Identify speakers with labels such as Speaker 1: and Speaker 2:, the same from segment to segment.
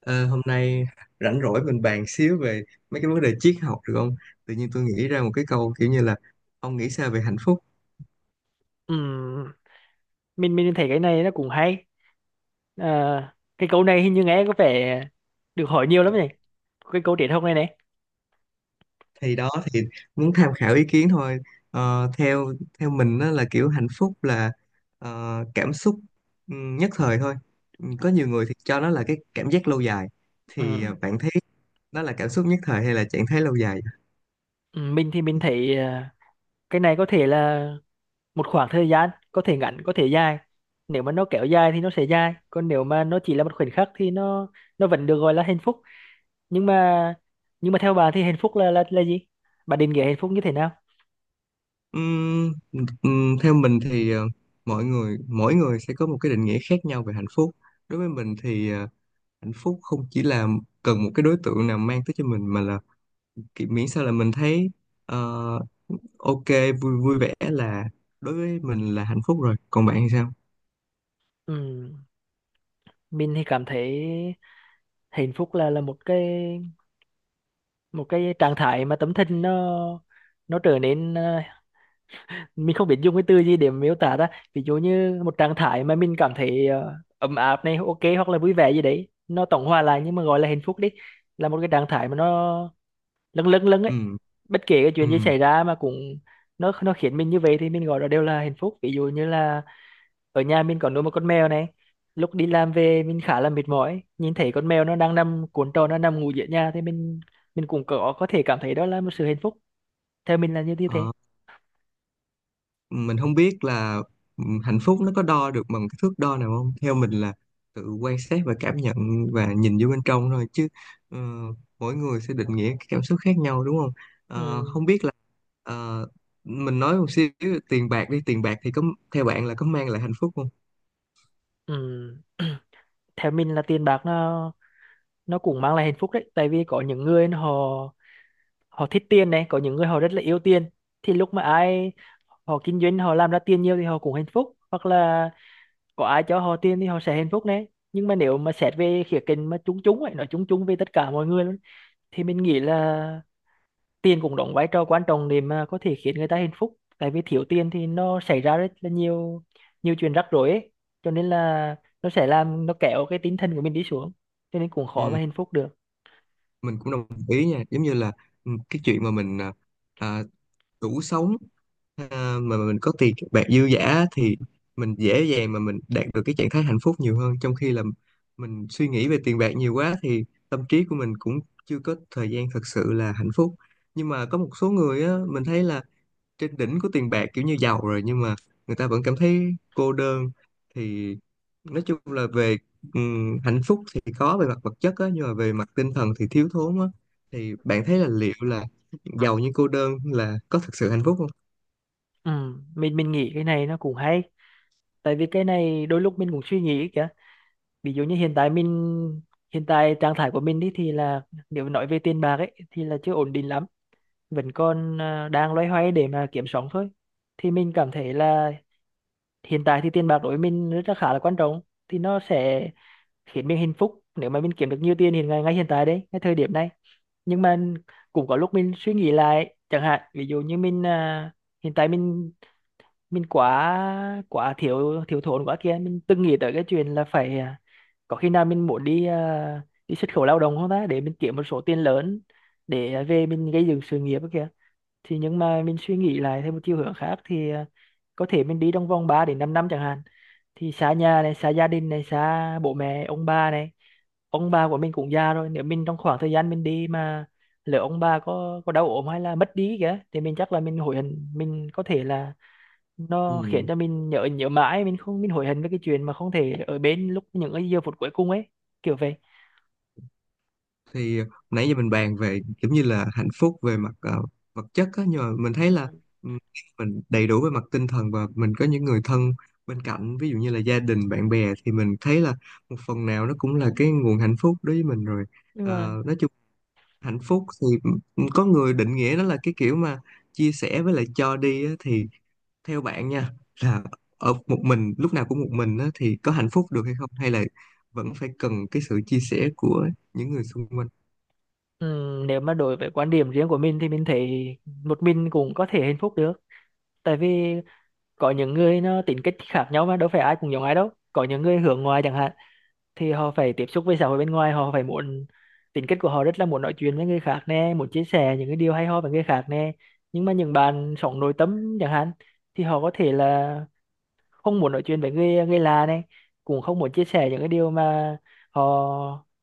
Speaker 1: Ờ, hôm nay rảnh rỗi mình bàn xíu về mấy cái vấn đề triết học được không? Tự nhiên tôi nghĩ ra một cái câu kiểu như là ông nghĩ sao về hạnh phúc?
Speaker 2: Ừ, mình thấy cái này nó cũng hay. Ờ, cái câu này hình như nghe có vẻ được hỏi nhiều lắm nhỉ, cái câu truyền thông này này.
Speaker 1: Thì đó thì muốn tham khảo ý kiến thôi. Ờ, theo theo mình đó là kiểu hạnh phúc là cảm xúc nhất thời thôi. Ừ, có nhiều người thì cho nó là cái cảm giác lâu dài. Thì
Speaker 2: Ừ.
Speaker 1: bạn thấy đó là cảm xúc nhất thời hay là trạng thái lâu dài?
Speaker 2: Ừ, mình thì mình thấy cái này có thể là một khoảng thời gian, có thể ngắn có thể dài. Nếu mà nó kéo dài thì nó sẽ dài, còn nếu mà nó chỉ là một khoảnh khắc thì nó vẫn được gọi là hạnh phúc. Nhưng mà nhưng mà theo bà thì hạnh phúc là gì? Bà định nghĩa hạnh phúc như thế nào?
Speaker 1: Ừm, theo mình thì mọi người mỗi người sẽ có một cái định nghĩa khác nhau về hạnh phúc. Đối với mình thì hạnh phúc không chỉ là cần một cái đối tượng nào mang tới cho mình mà là kiểu miễn sao là mình thấy ờ, ok, vui vui vẻ là đối với mình là hạnh phúc rồi, còn bạn thì sao?
Speaker 2: Ừ. Mình thì cảm thấy hạnh phúc là một cái trạng thái mà tấm thân nó trở nên, mình không biết dùng cái từ gì để miêu tả ra. Ví dụ như một trạng thái mà mình cảm thấy ấm áp này, ok, hoặc là vui vẻ gì đấy, nó tổng hòa lại, nhưng mà gọi là hạnh phúc đi, là một cái trạng thái mà nó lâng lâng lâng ấy.
Speaker 1: Ừ,
Speaker 2: Bất kể cái
Speaker 1: ừ.
Speaker 2: chuyện gì xảy ra mà cũng, nó khiến mình như vậy, thì mình gọi đó đều là hạnh phúc. Ví dụ như là ở nhà mình có nuôi một con mèo này, lúc đi làm về mình khá là mệt mỏi, nhìn thấy con mèo nó đang nằm cuộn tròn, nó nằm ngủ giữa nhà, thì mình cũng có thể cảm thấy đó là một sự hạnh phúc. Theo mình là như như thế.
Speaker 1: Ờ, mình không biết là hạnh phúc nó có đo được bằng cái thước đo nào không, theo mình là tự quan sát và cảm nhận và nhìn vô bên trong thôi chứ. ờ, Mỗi người sẽ định nghĩa cái cảm xúc khác nhau đúng không? Ờ,
Speaker 2: Ừ.
Speaker 1: không biết là ờ, mình nói một xíu, tiền bạc đi, tiền bạc thì có, theo bạn là có mang lại hạnh phúc không?
Speaker 2: Ừ. Theo mình là tiền bạc nó cũng mang lại hạnh phúc đấy, tại vì có những người họ họ thích tiền này, có những người họ rất là yêu tiền. Thì lúc mà ai họ kinh doanh, họ làm ra tiền nhiều thì họ cũng hạnh phúc, hoặc là có ai cho họ tiền thì họ sẽ hạnh phúc đấy. Nhưng mà nếu mà xét về khía cạnh mà chung chung ấy, nói chung chung về tất cả mọi người luôn, thì mình nghĩ là tiền cũng đóng vai trò quan trọng để mà có thể khiến người ta hạnh phúc, tại vì thiếu tiền thì nó xảy ra rất là nhiều nhiều chuyện rắc rối ấy. Cho nên là nó sẽ làm, nó kéo cái tinh thần của mình đi xuống, cho nên cũng khó
Speaker 1: Ừ,
Speaker 2: mà hạnh phúc được.
Speaker 1: mình cũng đồng ý nha, giống như là cái chuyện mà mình à, đủ sống, mà mình có tiền bạc dư dả thì mình dễ dàng mà mình đạt được cái trạng thái hạnh phúc nhiều hơn, trong khi là mình suy nghĩ về tiền bạc nhiều quá thì tâm trí của mình cũng chưa có thời gian thật sự là hạnh phúc. Nhưng mà có một số người á, mình thấy là trên đỉnh của tiền bạc, kiểu như giàu rồi nhưng mà người ta vẫn cảm thấy cô đơn. Thì nói chung là về hạnh phúc thì có về mặt vật chất á nhưng mà về mặt tinh thần thì thiếu thốn á, thì bạn thấy là liệu là giàu nhưng cô đơn là có thực sự hạnh phúc không?
Speaker 2: Ừ. mình nghĩ cái này nó cũng hay, tại vì cái này đôi lúc mình cũng suy nghĩ kìa. Ví dụ như hiện tại trạng thái của mình đi thì là, nếu nói về tiền bạc ấy thì là chưa ổn định lắm, vẫn còn đang loay hoay để mà kiếm sống thôi. Thì mình cảm thấy là hiện tại thì tiền bạc đối với mình rất là khá là quan trọng. Thì nó sẽ khiến mình hạnh phúc nếu mà mình kiếm được nhiều tiền ngay ngay hiện tại đấy, ngay thời điểm này. Nhưng mà cũng có lúc mình suy nghĩ lại chẳng hạn, ví dụ như mình, hiện tại mình quá quá thiếu thiếu thốn quá kia, mình từng nghĩ tới cái chuyện là phải, có khi nào mình muốn đi, đi xuất khẩu lao động không ta, để mình kiếm một số tiền lớn để, về mình gây dựng sự nghiệp ấy kìa. Nhưng mà mình suy nghĩ lại theo một chiều hướng khác thì, có thể mình đi trong vòng 3 đến 5 năm chẳng hạn, thì xa nhà này, xa gia đình này, xa bố mẹ ông bà này. Ông bà của mình cũng già rồi, nếu mình trong khoảng thời gian mình đi mà lỡ ông bà có đau ốm hay là mất đi kìa, thì mình chắc là mình hối hận. Mình có thể là, nó khiến
Speaker 1: Ừ.
Speaker 2: cho mình nhớ nhớ mãi, mình không mình hối hận với cái chuyện mà không thể ở bên lúc những cái giờ phút cuối cùng ấy, kiểu vậy.
Speaker 1: Thì nãy giờ mình bàn về kiểu như là hạnh phúc về mặt vật chất á, nhưng mà mình thấy
Speaker 2: Ừ.
Speaker 1: là ừm, mình đầy đủ về mặt tinh thần và mình có những người thân bên cạnh, ví dụ như là gia đình bạn bè, thì mình thấy là một phần nào nó cũng là cái nguồn hạnh phúc đối với mình rồi.
Speaker 2: Nhưng mà
Speaker 1: Nói chung hạnh phúc thì có người định nghĩa nó là cái kiểu mà chia sẻ với lại cho đi á, thì theo bạn nha, là ở một mình lúc nào cũng một mình á, thì có hạnh phúc được hay không, hay là vẫn phải cần cái sự chia sẻ của những người xung quanh?
Speaker 2: nếu mà đối với quan điểm riêng của mình thì mình thấy một mình cũng có thể hạnh phúc được. Tại vì có những người nó tính cách khác nhau mà đâu phải ai cũng giống ai đâu. Có những người hướng ngoại chẳng hạn thì họ phải tiếp xúc với xã hội bên ngoài, họ phải muốn tính cách của họ rất là muốn nói chuyện với người khác nè, muốn chia sẻ những cái điều hay ho với người khác nè. Nhưng mà những bạn sống nội tâm chẳng hạn thì họ có thể là không muốn nói chuyện với người người lạ này, cũng không muốn chia sẻ những cái điều mà họ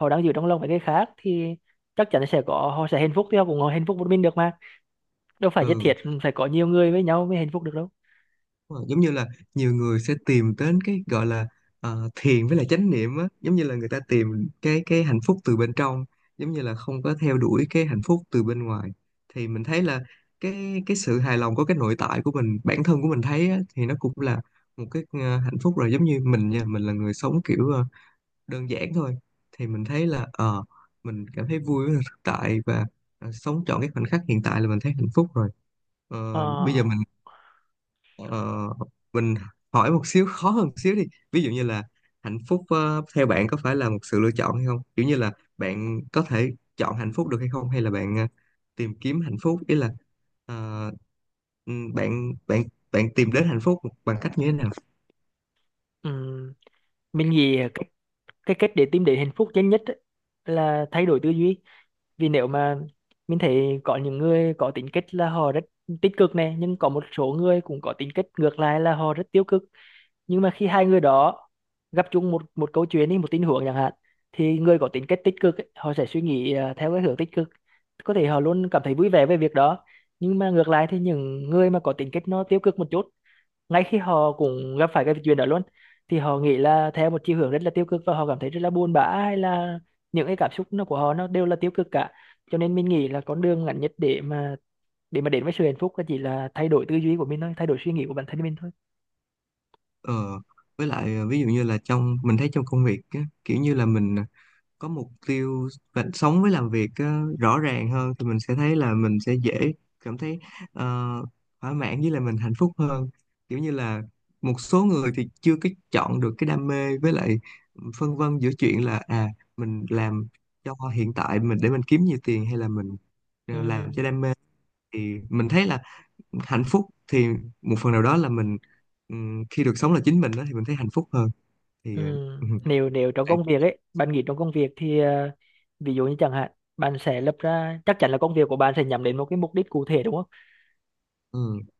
Speaker 2: họ đang giữ trong lòng với người khác, thì chắc chắn sẽ có họ sẽ hạnh phúc, thì họ cũng hạnh phúc một mình được mà. Đâu phải nhất
Speaker 1: Ừ.
Speaker 2: thiết phải có nhiều người với nhau mới hạnh phúc được đâu.
Speaker 1: Đúng rồi, giống như là nhiều người sẽ tìm đến cái gọi là thiền với lại chánh niệm á, giống như là người ta tìm cái hạnh phúc từ bên trong, giống như là không có theo đuổi cái hạnh phúc từ bên ngoài. Thì mình thấy là cái sự hài lòng của cái nội tại của mình, bản thân của mình thấy á, thì nó cũng là một cái hạnh phúc rồi. Giống như mình nha, mình là người sống kiểu đơn giản thôi, thì mình thấy là mình cảm thấy vui với thực tại và sống trọn cái khoảnh khắc hiện tại là mình thấy hạnh phúc rồi.
Speaker 2: Ờ,
Speaker 1: Ờ, bây giờ mình Ờ, mình hỏi một xíu, khó hơn một xíu đi. Ví dụ như là hạnh phúc theo bạn có phải là một sự lựa chọn hay không, kiểu như là bạn có thể chọn hạnh phúc được hay không, hay là bạn tìm kiếm hạnh phúc, ý là ờ, bạn bạn bạn tìm đến hạnh phúc bằng cách như thế nào?
Speaker 2: ừm, mình nghĩ cái cách để tìm đến hạnh phúc nhanh nhất ấy là thay đổi tư duy. Vì nếu mà mình thấy có những người có tính cách là họ rất tích cực này, nhưng có một số người cũng có tính cách ngược lại là họ rất tiêu cực. Nhưng mà khi hai người đó gặp chung một một câu chuyện đi, một tình huống chẳng hạn, thì người có tính cách tích cực ấy, họ sẽ suy nghĩ theo cái hướng tích cực, có thể họ luôn cảm thấy vui vẻ về việc đó. Nhưng mà ngược lại thì những người mà có tính cách nó tiêu cực một chút, ngay khi họ cũng gặp phải cái chuyện đó luôn, thì họ nghĩ là theo một chiều hướng rất là tiêu cực và họ cảm thấy rất là buồn bã, hay là những cái cảm xúc nó của họ nó đều là tiêu cực cả. Cho nên mình nghĩ là con đường ngắn nhất để mà đến với sự hạnh phúc là chỉ là thay đổi tư duy của mình thôi, thay đổi suy nghĩ của bản thân mình thôi.
Speaker 1: Ờ, với lại ví dụ như là trong mình thấy trong công việc á, kiểu như là mình có mục tiêu và sống với làm việc á, rõ ràng hơn thì mình sẽ thấy là mình sẽ dễ cảm thấy ờ, thỏa mãn với là mình hạnh phúc hơn. Kiểu như là một số người thì chưa cái chọn được cái đam mê, với lại phân vân giữa chuyện là à, mình làm cho hiện tại mình để mình kiếm nhiều tiền hay là mình
Speaker 2: Ừ.
Speaker 1: làm cho đam mê, thì mình thấy là hạnh phúc thì một phần nào đó là mình khi được sống là chính mình đó thì mình thấy hạnh phúc hơn. Thì
Speaker 2: Ừ.
Speaker 1: ừ,
Speaker 2: Nếu nếu trong
Speaker 1: bạn-
Speaker 2: công việc ấy, bạn nghĩ trong công việc thì, ví dụ như chẳng hạn, bạn sẽ lập ra, chắc chắn là công việc của bạn sẽ nhắm đến một cái mục đích cụ thể đúng không?
Speaker 1: ừ,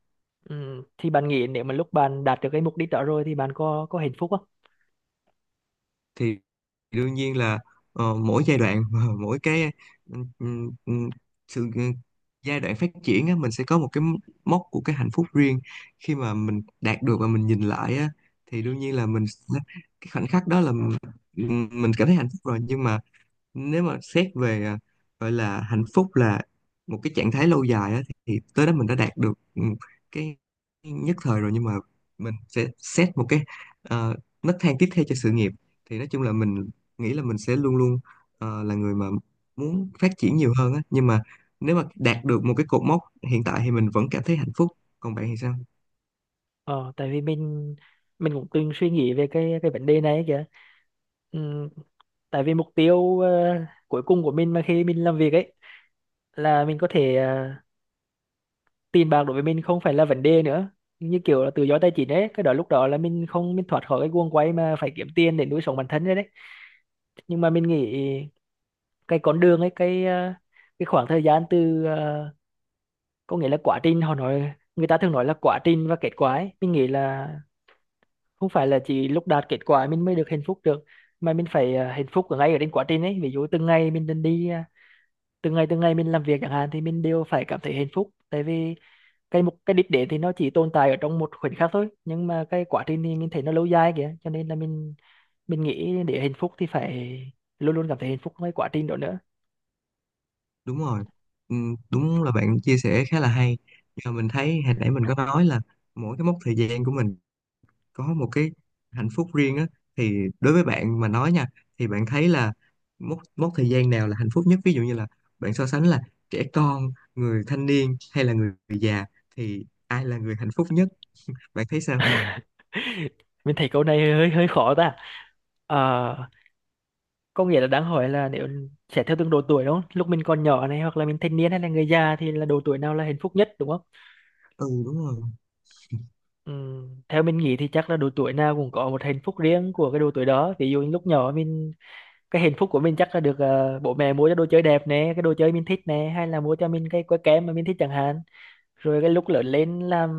Speaker 2: Ừ. Thì bạn nghĩ nếu mà lúc bạn đạt được cái mục đích đó rồi thì bạn có hạnh phúc không?
Speaker 1: thì đương nhiên là mỗi giai đoạn mỗi cái ừ, ừ, ừ, sự giai đoạn phát triển á, mình sẽ có một cái mốc của cái hạnh phúc riêng, khi mà mình đạt được và mình nhìn lại á, thì đương nhiên là mình sẽ- cái khoảnh khắc đó là mình cảm thấy hạnh phúc rồi, nhưng mà nếu mà xét về gọi là hạnh phúc là một cái trạng thái lâu dài á, thì tới đó mình đã đạt được cái nhất thời rồi, nhưng mà mình sẽ xét một cái ờ, nấc thang tiếp theo cho sự nghiệp. Thì nói chung là mình nghĩ là mình sẽ luôn luôn là người mà muốn phát triển nhiều hơn á, nhưng mà nếu mà đạt được một cái cột mốc hiện tại thì mình vẫn cảm thấy hạnh phúc. Còn bạn thì sao?
Speaker 2: Ờ, Tại vì mình cũng từng suy nghĩ về cái vấn đề này ấy kìa. Ừ. Tại vì mục tiêu cuối cùng của mình mà khi mình làm việc ấy là mình có thể ờ, tiền bạc đối với mình không phải là vấn đề nữa, như kiểu là tự do tài chính ấy, cái đó lúc đó là mình không mình thoát khỏi cái guồng quay mà phải kiếm tiền để nuôi sống bản thân rồi đấy. Nhưng mà mình nghĩ cái con đường ấy, cái khoảng thời gian có nghĩa là quá trình, họ nói người ta thường nói là quá trình và kết quả ấy. Mình nghĩ là không phải là chỉ lúc đạt kết quả mình mới được hạnh phúc được, mà mình phải hạnh phúc ở ngay ở trên quá trình ấy. Ví dụ từng ngày mình đi đi ờ, từng ngày mình làm việc chẳng hạn, thì mình đều phải cảm thấy hạnh phúc, tại vì cái đích đến thì nó chỉ tồn tại ở trong một khoảnh khắc thôi, nhưng mà cái quá trình thì mình thấy nó lâu dài kìa. Cho nên là mình nghĩ để hạnh phúc thì phải luôn luôn cảm thấy hạnh phúc với quá trình đó nữa.
Speaker 1: Đúng rồi, ừ, đúng là bạn chia sẻ khá là hay. Và mình thấy hồi nãy mình có nói là mỗi cái mốc thời gian của mình có một cái hạnh phúc riêng á, thì đối với bạn mà nói nha, thì bạn thấy là mốc mốc thời gian nào là hạnh phúc nhất? Ví dụ như là bạn so sánh là trẻ con, người thanh niên hay là người già, thì ai là người hạnh phúc nhất? Bạn thấy sao?
Speaker 2: Mình thấy câu này hơi hơi khó ta. Ờ, có nghĩa là đang hỏi là sẽ theo từng độ tuổi đúng không, lúc mình còn nhỏ này, hoặc là mình thanh niên, hay là người già, thì là độ tuổi nào là hạnh phúc nhất đúng không?
Speaker 1: Ừ, đúng rồi.
Speaker 2: Theo mình nghĩ thì chắc là độ tuổi nào cũng có một hạnh phúc riêng của cái độ tuổi đó. Ví dụ như lúc nhỏ, cái hạnh phúc của mình chắc là được bố mẹ mua cho đồ chơi đẹp nè, cái đồ chơi mình thích nè, hay là mua cho mình cái que kem mà mình thích chẳng hạn. Rồi cái lúc lớn lên,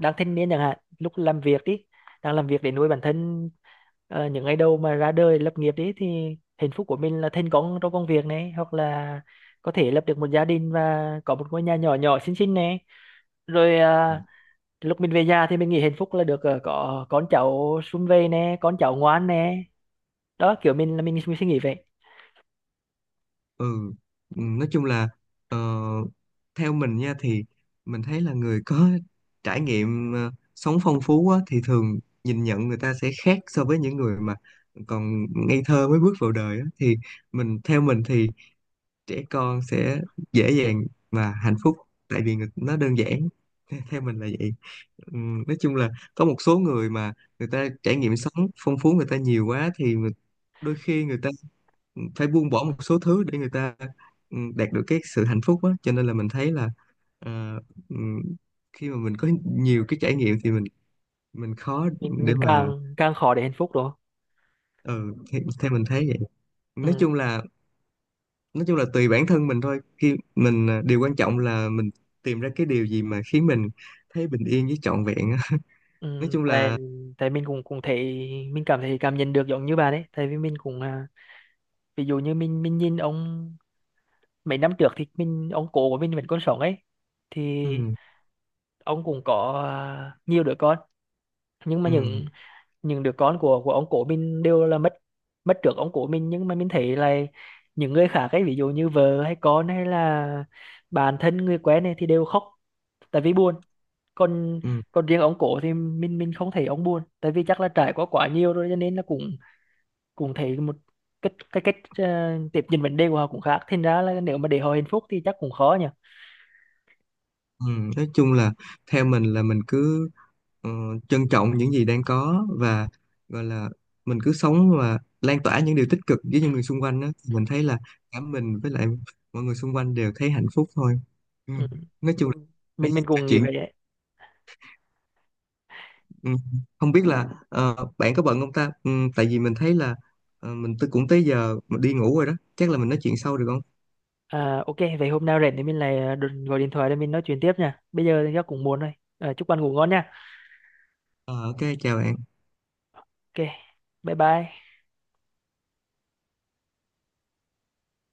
Speaker 2: đang thanh niên chẳng hạn, lúc làm việc đi đang làm việc để nuôi bản thân, những ngày đầu mà ra đời lập nghiệp đi, thì hạnh phúc của mình là thành công trong công việc này, hoặc là có thể lập được một gia đình và có một ngôi nhà nhỏ nhỏ xinh xinh này. Rồi lúc mình về già thì mình nghĩ hạnh phúc là được có con cháu sum vầy nè, con cháu ngoan nè. Đó, kiểu mình suy nghĩ vậy.
Speaker 1: Ừ. Ừ, nói chung là ờ, theo mình nha, thì mình thấy là người có trải nghiệm sống phong phú á, thì thường nhìn nhận người ta sẽ khác so với những người mà còn ngây thơ mới bước vào đời á. Thì mình theo mình thì trẻ con sẽ dễ dàng và hạnh phúc, tại vì người- nó đơn giản. Theo mình là vậy. Nói chung là có một số người mà người ta trải nghiệm sống phong phú, người ta nhiều quá thì người- đôi khi người ta phải buông bỏ một số thứ để người ta đạt được cái sự hạnh phúc á, cho nên là mình thấy là ờ, ừm, khi mà mình có nhiều cái trải nghiệm thì mình khó
Speaker 2: mình
Speaker 1: để
Speaker 2: mình
Speaker 1: mà
Speaker 2: càng càng khó để hạnh phúc đó.
Speaker 1: ừ, theo theo mình thấy vậy. nói
Speaker 2: Ừ,
Speaker 1: chung là nói chung là tùy bản thân mình thôi, khi mình điều quan trọng là mình tìm ra cái điều gì mà khiến mình thấy bình yên với trọn vẹn á. Nói
Speaker 2: ừ,
Speaker 1: chung
Speaker 2: tại
Speaker 1: là
Speaker 2: tại mình cũng cũng thấy, mình cảm thấy, cảm nhận được giống như bạn ấy, tại vì mình cũng, ví dụ như mình nhìn ông mấy năm trước, thì ông cố của mình vẫn còn sống ấy. Thì
Speaker 1: ừ,
Speaker 2: ông cũng có nhiều đứa con. Nhưng mà
Speaker 1: ừ,
Speaker 2: những đứa con của ông cố mình đều là mất mất trước ông cố mình. Nhưng mà mình thấy là những người khác ấy, ví dụ như vợ hay con hay là bạn thân người quen này, thì đều khóc tại vì buồn. còn
Speaker 1: ừ,
Speaker 2: còn riêng ông cổ thì mình không thấy ông buồn, tại vì chắc là trải qua quá nhiều rồi, cho nên là cũng cũng thấy một cái cách tiếp nhận vấn đề của họ cũng khác. Thành ra là nếu mà để họ hạnh phúc thì chắc cũng khó nhỉ.
Speaker 1: ừ. nói chung là theo mình là mình cứ ờ, trân trọng những gì đang có và gọi là mình cứ sống và lan tỏa những điều tích cực với những người xung quanh á, mình thấy là cả mình với lại mọi người xung quanh đều thấy hạnh phúc thôi. Ừ.
Speaker 2: Ừ.
Speaker 1: nói chung là
Speaker 2: mình
Speaker 1: nói
Speaker 2: mình cũng nghĩ
Speaker 1: chuyện
Speaker 2: vậy đấy.
Speaker 1: Ừ, không biết là bạn có bận không ta? Ừ, tại vì mình thấy là mình tôi cũng tới giờ mà đi ngủ rồi đó. Chắc là mình nói chuyện sau được không?
Speaker 2: Ok, vậy hôm nào rảnh thì mình lại đừng gọi điện thoại để mình nói chuyện tiếp nha. Bây giờ thì chắc cũng muộn rồi. Chúc bạn ngủ ngon nha.
Speaker 1: Ờ, ok chào bạn.
Speaker 2: Ok, bye bye.